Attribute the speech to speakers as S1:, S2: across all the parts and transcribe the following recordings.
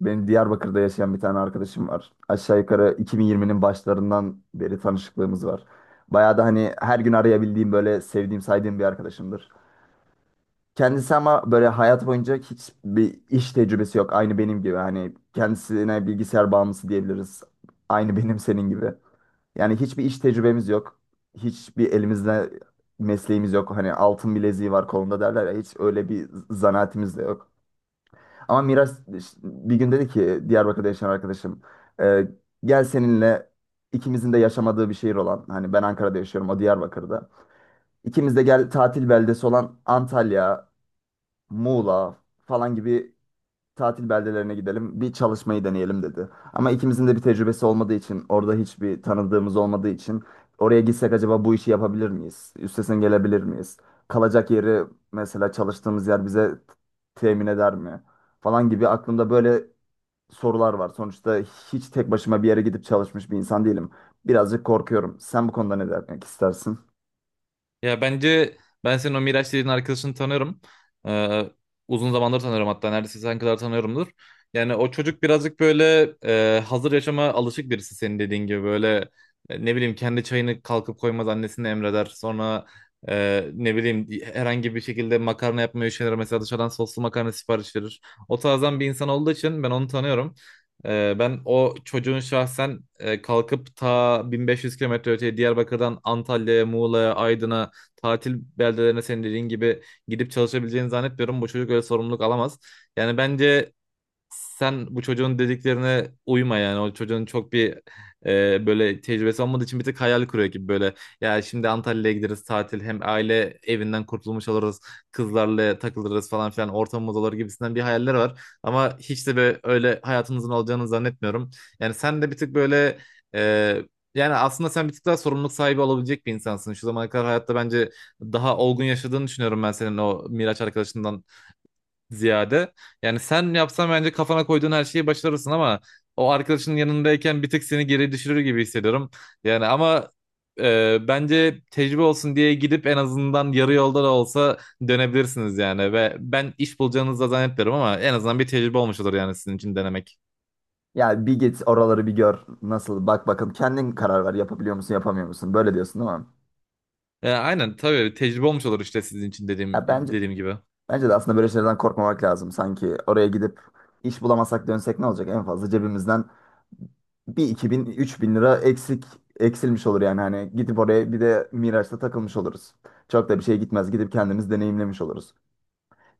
S1: Benim Diyarbakır'da yaşayan bir tane arkadaşım var. Aşağı yukarı 2020'nin başlarından beri tanışıklığımız var. Bayağı da hani her gün arayabildiğim böyle sevdiğim saydığım bir arkadaşımdır. Kendisi ama böyle hayat boyunca hiçbir iş tecrübesi yok. Aynı benim gibi hani kendisine bilgisayar bağımlısı diyebiliriz. Aynı benim senin gibi. Yani hiçbir iş tecrübemiz yok. Hiçbir elimizde mesleğimiz yok. Hani altın bileziği var kolunda derler ya hiç öyle bir zanaatimiz de yok. Ama Miraç bir gün dedi ki Diyarbakır'da yaşayan arkadaşım e, gel seninle ikimizin de yaşamadığı bir şehir olan hani ben Ankara'da yaşıyorum o Diyarbakır'da. İkimiz de gel tatil beldesi olan Antalya, Muğla falan gibi tatil beldelerine gidelim bir çalışmayı deneyelim dedi. Ama ikimizin de bir tecrübesi olmadığı için orada hiçbir tanıdığımız olmadığı için oraya gitsek acaba bu işi yapabilir miyiz? Üstesinden gelebilir miyiz? Kalacak yeri mesela çalıştığımız yer bize temin eder mi, falan gibi aklımda böyle sorular var. Sonuçta hiç tek başıma bir yere gidip çalışmış bir insan değilim. Birazcık korkuyorum. Sen bu konuda ne demek istersin?
S2: Ya bence ben senin o Miraç dediğin arkadaşını tanıyorum. Ee, Uzun zamandır tanıyorum hatta neredeyse sen kadar tanıyorumdur. Yani o çocuk birazcık böyle hazır yaşama alışık birisi senin dediğin gibi böyle ne bileyim kendi çayını kalkıp koymaz annesine emreder. Sonra ne bileyim herhangi bir şekilde makarna yapmayı şeyler mesela dışarıdan soslu makarna sipariş verir. O tarzdan bir insan olduğu için ben onu tanıyorum. Ben o çocuğun şahsen kalkıp ta 1500 kilometre öteye Diyarbakır'dan Antalya'ya, Muğla'ya, Aydın'a tatil beldelerine senin dediğin gibi gidip çalışabileceğini zannetmiyorum. Bu çocuk öyle sorumluluk alamaz. Yani bence sen bu çocuğun dediklerine uyma yani o çocuğun çok bir böyle tecrübesi olmadığı için bir tık hayal kuruyor gibi böyle ya şimdi Antalya'ya gideriz tatil hem aile evinden kurtulmuş oluruz kızlarla takılırız falan filan ortamımız olur gibisinden bir hayaller var ama hiç de böyle öyle hayatınızın olacağını zannetmiyorum yani sen de bir tık böyle e, yani aslında sen bir tık daha sorumluluk sahibi olabilecek bir insansın. Şu zamana kadar hayatta bence daha olgun yaşadığını düşünüyorum ben senin o Miraç arkadaşından ziyade. Yani sen yapsan bence kafana koyduğun her şeyi başarırsın ama o arkadaşının yanındayken bir tık seni geri düşürür gibi hissediyorum. Yani ama bence tecrübe olsun diye gidip en azından yarı yolda da olsa dönebilirsiniz yani ve ben iş bulacağınızı da zannetmiyorum ama en azından bir tecrübe olmuş olur yani sizin için denemek.
S1: Yani bir git oraları bir gör. Nasıl? Bak bakalım kendin karar ver. Yapabiliyor musun, yapamıyor musun? Böyle diyorsun değil mi?
S2: Aynen tabii tecrübe olmuş olur işte sizin için dediğim
S1: Ya bence
S2: dediğim gibi.
S1: bence de aslında böyle şeylerden korkmamak lazım. Sanki oraya gidip iş bulamasak dönsek ne olacak? En fazla cebimizden bir iki bin üç bin lira eksik eksilmiş olur yani hani gidip oraya bir de Miraç'ta takılmış oluruz. Çok da bir şey gitmez. Gidip kendimiz deneyimlemiş oluruz.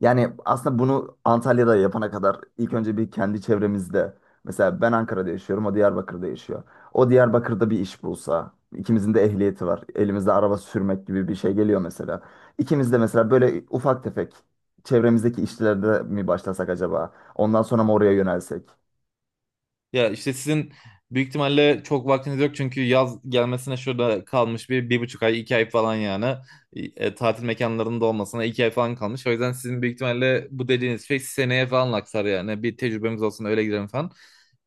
S1: Yani aslında bunu Antalya'da yapana kadar ilk önce bir kendi çevremizde. Mesela ben Ankara'da yaşıyorum, o Diyarbakır'da yaşıyor. O Diyarbakır'da bir iş bulsa, ikimizin de ehliyeti var. Elimizde araba sürmek gibi bir şey geliyor mesela. İkimiz de mesela böyle ufak tefek çevremizdeki işlerde mi başlasak acaba? Ondan sonra mı oraya yönelsek?
S2: Ya işte sizin büyük ihtimalle çok vaktiniz yok çünkü yaz gelmesine şurada kalmış bir, bir buçuk ay, iki ay falan yani. Tatil mekanlarının da olmasına iki ay falan kalmış. O yüzden sizin büyük ihtimalle bu dediğiniz şey seneye falan aksar yani. Bir tecrübemiz olsun öyle gidelim falan.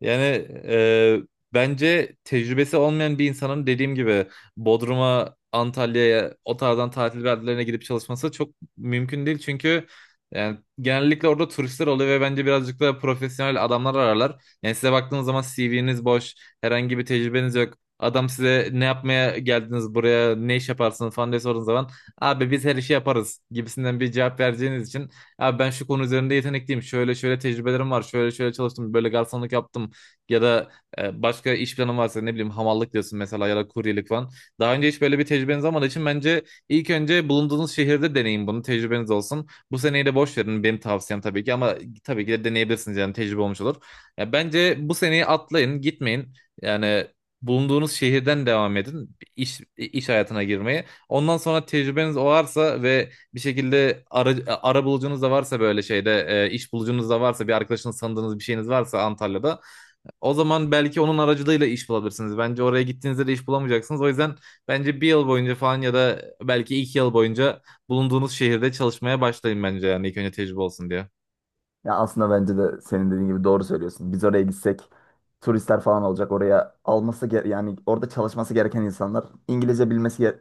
S2: Yani e, bence tecrübesi olmayan bir insanın dediğim gibi Bodrum'a, Antalya'ya o tarzdan tatil beldelerine gidip çalışması çok mümkün değil. Çünkü yani genellikle orada turistler oluyor ve bence birazcık da profesyonel adamlar ararlar. Yani size baktığınız zaman CV'niz boş, herhangi bir tecrübeniz yok. Adam size ne yapmaya geldiniz buraya, ne iş yaparsınız falan diye sorduğunuz zaman abi biz her işi yaparız gibisinden bir cevap vereceğiniz için abi ben şu konu üzerinde yetenekliyim, şöyle şöyle tecrübelerim var, şöyle şöyle çalıştım, böyle garsonluk yaptım ya da başka iş planım varsa ne bileyim hamallık diyorsun mesela ya da kuryelik falan. Daha önce hiç böyle bir tecrübeniz olmadığı için bence ilk önce bulunduğunuz şehirde deneyin bunu, tecrübeniz olsun. Bu seneyi de boş verin benim tavsiyem tabii ki ama tabii ki de deneyebilirsiniz yani tecrübe olmuş olur. Ya bence bu seneyi atlayın, gitmeyin. Yani bulunduğunuz şehirden devam edin iş hayatına girmeye. Ondan sonra tecrübeniz varsa ve bir şekilde ara bulucunuz da varsa böyle şeyde iş bulucunuz da varsa bir arkadaşınız sandığınız bir şeyiniz varsa Antalya'da o zaman belki onun aracılığıyla iş bulabilirsiniz. Bence oraya gittiğinizde de iş bulamayacaksınız. O yüzden bence bir yıl boyunca falan ya da belki iki yıl boyunca bulunduğunuz şehirde çalışmaya başlayın bence yani ilk önce tecrübe olsun diye.
S1: Ya aslında bence de senin dediğin gibi doğru söylüyorsun. Biz oraya gitsek turistler falan olacak. Oraya yani orada çalışması gereken insanlar İngilizce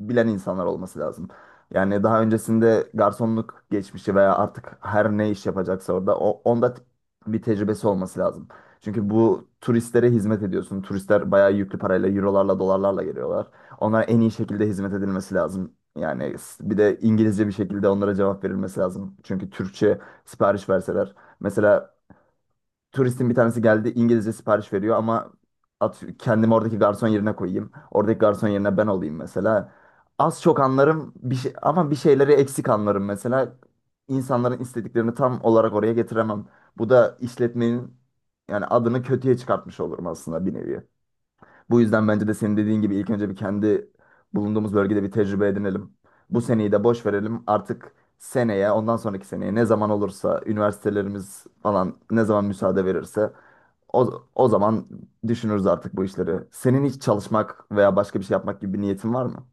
S1: bilen insanlar olması lazım. Yani daha öncesinde garsonluk geçmişi veya artık her ne iş yapacaksa orada onda bir tecrübesi olması lazım. Çünkü bu turistlere hizmet ediyorsun. Turistler bayağı yüklü parayla, eurolarla, dolarlarla geliyorlar. Onlara en iyi şekilde hizmet edilmesi lazım. Yani bir de İngilizce bir şekilde onlara cevap verilmesi lazım. Çünkü Türkçe sipariş verseler. Mesela turistin bir tanesi geldi İngilizce sipariş veriyor ama kendimi oradaki garson yerine koyayım. Oradaki garson yerine ben olayım mesela. Az çok anlarım bir şey, ama bir şeyleri eksik anlarım mesela. İnsanların istediklerini tam olarak oraya getiremem. Bu da işletmenin yani adını kötüye çıkartmış olurum aslında bir nevi. Bu yüzden bence de senin dediğin gibi ilk önce bir kendi bulunduğumuz bölgede bir tecrübe edinelim. Bu seneyi de boş verelim. Artık seneye, ondan sonraki seneye ne zaman olursa, üniversitelerimiz falan ne zaman müsaade verirse o zaman düşünürüz artık bu işleri. Senin hiç çalışmak veya başka bir şey yapmak gibi bir niyetin var mı?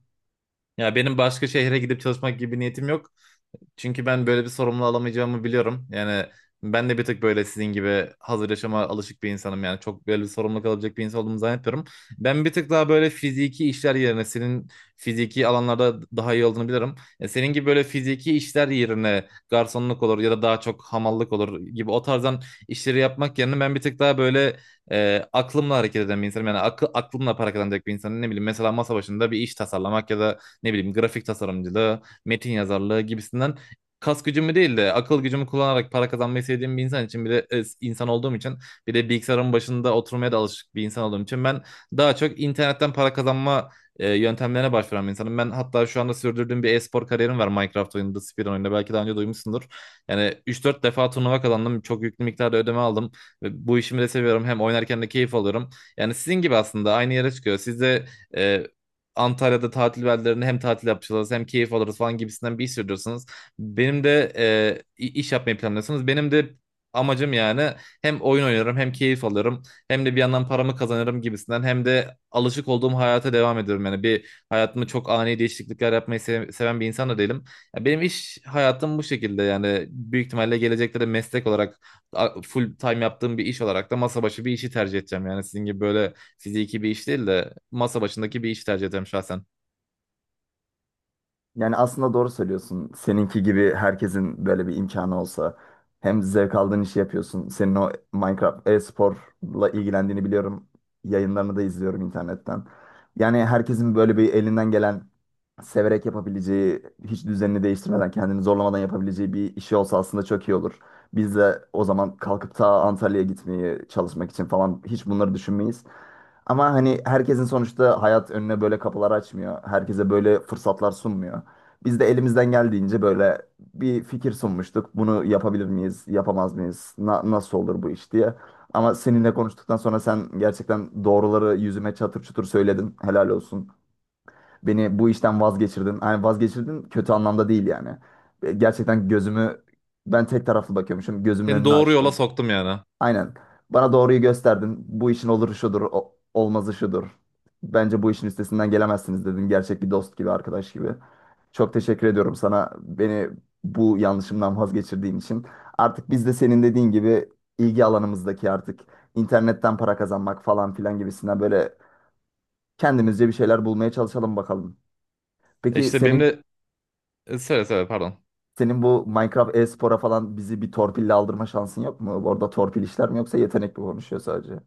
S2: Ya benim başka şehre gidip çalışmak gibi bir niyetim yok. Çünkü ben böyle bir sorumluluğu alamayacağımı biliyorum. Yani ben de bir tık böyle sizin gibi hazır yaşama alışık bir insanım. Yani çok böyle bir sorumluluk alabilecek bir insan olduğumu zannetmiyorum. Ben bir tık daha böyle fiziki işler yerine senin fiziki alanlarda daha iyi olduğunu bilirim. Senin gibi böyle fiziki işler yerine garsonluk olur ya da daha çok hamallık olur gibi o tarzdan işleri yapmak yerine ben bir tık daha böyle aklımla hareket eden bir insanım. Yani aklımla para kazanacak bir insanım. Ne bileyim mesela masa başında bir iş tasarlamak ya da ne bileyim grafik tasarımcılığı, metin yazarlığı gibisinden kas gücümü değil de akıl gücümü kullanarak para kazanmayı sevdiğim bir insan için bir de insan olduğum için bir de bilgisayarın başında oturmaya da alışık bir insan olduğum için ben daha çok internetten para kazanma yöntemlerine başvuran bir insanım. Ben hatta şu anda sürdürdüğüm bir e-spor kariyerim var Minecraft oyununda, Speedrun oyununda. Belki daha önce duymuşsundur. Yani üç dört defa turnuva kazandım. Çok yüklü miktarda ödeme aldım. Ve bu işimi de seviyorum. Hem oynarken de keyif alıyorum. Yani sizin gibi aslında aynı yere çıkıyor. Siz de e, Antalya'da tatil beldelerinde hem tatil yapacağız hem keyif alırız falan gibisinden bir iş sürdürüyorsunuz. Benim de iş yapmayı planlıyorsunuz. Benim de amacım yani hem oyun oynarım hem keyif alırım hem de bir yandan paramı kazanırım gibisinden hem de alışık olduğum hayata devam ediyorum. Yani bir hayatımı çok ani değişiklikler yapmayı seven bir insan da değilim. Ya benim iş hayatım bu şekilde yani büyük ihtimalle gelecekte de meslek olarak full time yaptığım bir iş olarak da masa başı bir işi tercih edeceğim. Yani sizin gibi böyle fiziki bir iş değil de masa başındaki bir işi tercih edeceğim şahsen.
S1: Yani aslında doğru söylüyorsun. Seninki gibi herkesin böyle bir imkanı olsa hem zevk aldığın işi yapıyorsun. Senin o Minecraft e-sporla ilgilendiğini biliyorum. Yayınlarını da izliyorum internetten. Yani herkesin böyle bir elinden gelen severek yapabileceği, hiç düzenini değiştirmeden, kendini zorlamadan yapabileceği bir işi olsa aslında çok iyi olur. Biz de o zaman kalkıp ta Antalya'ya gitmeyi çalışmak için falan hiç bunları düşünmeyiz. Ama hani herkesin sonuçta hayat önüne böyle kapılar açmıyor. Herkese böyle fırsatlar sunmuyor. Biz de elimizden geldiğince böyle bir fikir sunmuştuk. Bunu yapabilir miyiz, yapamaz mıyız, nasıl olur bu iş diye. Ama seninle konuştuktan sonra sen gerçekten doğruları yüzüme çatır çutur söyledin. Helal olsun. Beni bu işten vazgeçirdin. Yani vazgeçirdin kötü anlamda değil yani. Gerçekten gözümü ben tek taraflı bakıyormuşum. Gözümün
S2: Seni
S1: önünü
S2: doğru yola
S1: açtın.
S2: soktum yani.
S1: Aynen. Bana doğruyu gösterdin. Bu işin oluru şudur, olmazı şudur. Bence bu işin üstesinden gelemezsiniz dedin. Gerçek bir dost gibi, arkadaş gibi. Çok teşekkür ediyorum sana beni bu yanlışımdan vazgeçirdiğin için. Artık biz de senin dediğin gibi ilgi alanımızdaki artık internetten para kazanmak falan filan gibisinden böyle kendimizce bir şeyler bulmaya çalışalım bakalım. Peki
S2: İşte benim
S1: senin
S2: de söyle pardon.
S1: senin bu Minecraft e-spora falan bizi bir torpille aldırma şansın yok mu? Orada torpil işler mi yoksa yetenek mi konuşuyor sadece?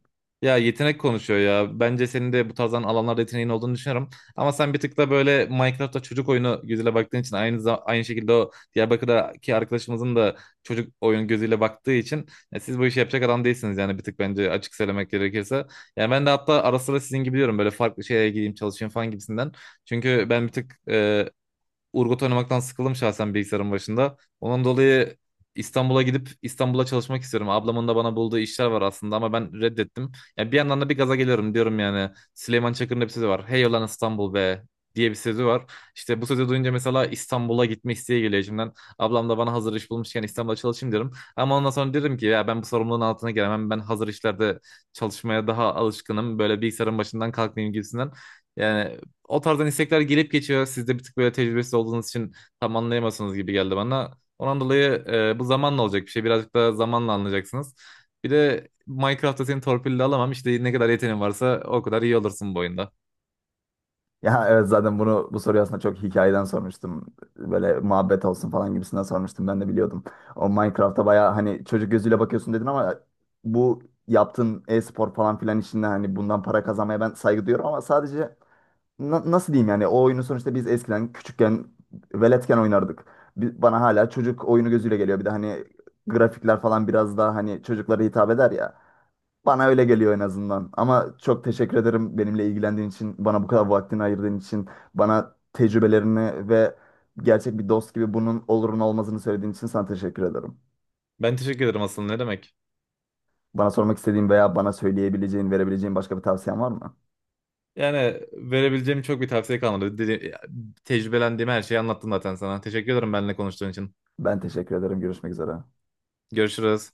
S2: Ya yetenek konuşuyor ya. Bence senin de bu tarzdan alanlarda yeteneğin olduğunu düşünüyorum. Ama sen bir tık da böyle Minecraft'ta çocuk oyunu gözüyle baktığın için aynı şekilde o Diyarbakır'daki arkadaşımızın da çocuk oyun gözüyle baktığı için ya siz bu işi yapacak adam değilsiniz yani bir tık bence açık söylemek gerekirse. Yani ben de hatta ara sıra sizin gibi diyorum böyle farklı şeye gideyim çalışayım falan gibisinden. Çünkü ben bir tık Urgot oynamaktan sıkıldım şahsen bilgisayarın başında. Onun dolayı İstanbul'a gidip İstanbul'a çalışmak istiyorum. Ablamın da bana bulduğu işler var aslında ama ben reddettim. Yani bir yandan da bir gaza geliyorum diyorum yani. Süleyman Çakır'ın da bir sözü var. Hey ulan İstanbul be diye bir sözü var. İşte bu sözü duyunca mesela İstanbul'a gitme isteği geliyor içimden. Ablam da bana hazır iş bulmuşken İstanbul'a çalışayım diyorum. Ama ondan sonra dedim ki ya ben bu sorumluluğun altına gelemem. Ben hazır işlerde çalışmaya daha alışkınım. Böyle bilgisayarın başından kalkmayayım gibisinden. Yani o tarzdan istekler gelip geçiyor. Siz de bir tık böyle tecrübesiz olduğunuz için tam anlayamazsınız gibi geldi bana. Ondan dolayı bu zamanla olacak bir şey. Birazcık daha zamanla anlayacaksınız. Bir de Minecraft'ta seni torpille alamam. İşte ne kadar yeteneğin varsa o kadar iyi olursun bu oyunda.
S1: Ya evet zaten bunu bu soruyu aslında çok hikayeden sormuştum. Böyle muhabbet olsun falan gibisinden sormuştum. Ben de biliyordum. O Minecraft'a bayağı hani çocuk gözüyle bakıyorsun dedin ama bu yaptığın e-spor falan filan işinde hani bundan para kazanmaya ben saygı duyuyorum ama sadece nasıl diyeyim yani o oyunu sonuçta biz eskiden küçükken veletken oynardık. Bana hala çocuk oyunu gözüyle geliyor. Bir de hani grafikler falan biraz daha hani çocuklara hitap eder ya. Bana öyle geliyor en azından. Ama çok teşekkür ederim benimle ilgilendiğin için, bana bu kadar vaktini ayırdığın için, bana tecrübelerini ve gerçek bir dost gibi bunun olurun olmazını söylediğin için sana teşekkür ederim.
S2: Ben teşekkür ederim aslında ne demek.
S1: Bana sormak istediğin veya bana söyleyebileceğin, verebileceğin başka bir tavsiyen var mı?
S2: Yani verebileceğim çok bir tavsiye kalmadı. Tecrübelendiğim her şeyi anlattım zaten sana. Teşekkür ederim benimle konuştuğun için.
S1: Ben teşekkür ederim. Görüşmek üzere.
S2: Görüşürüz.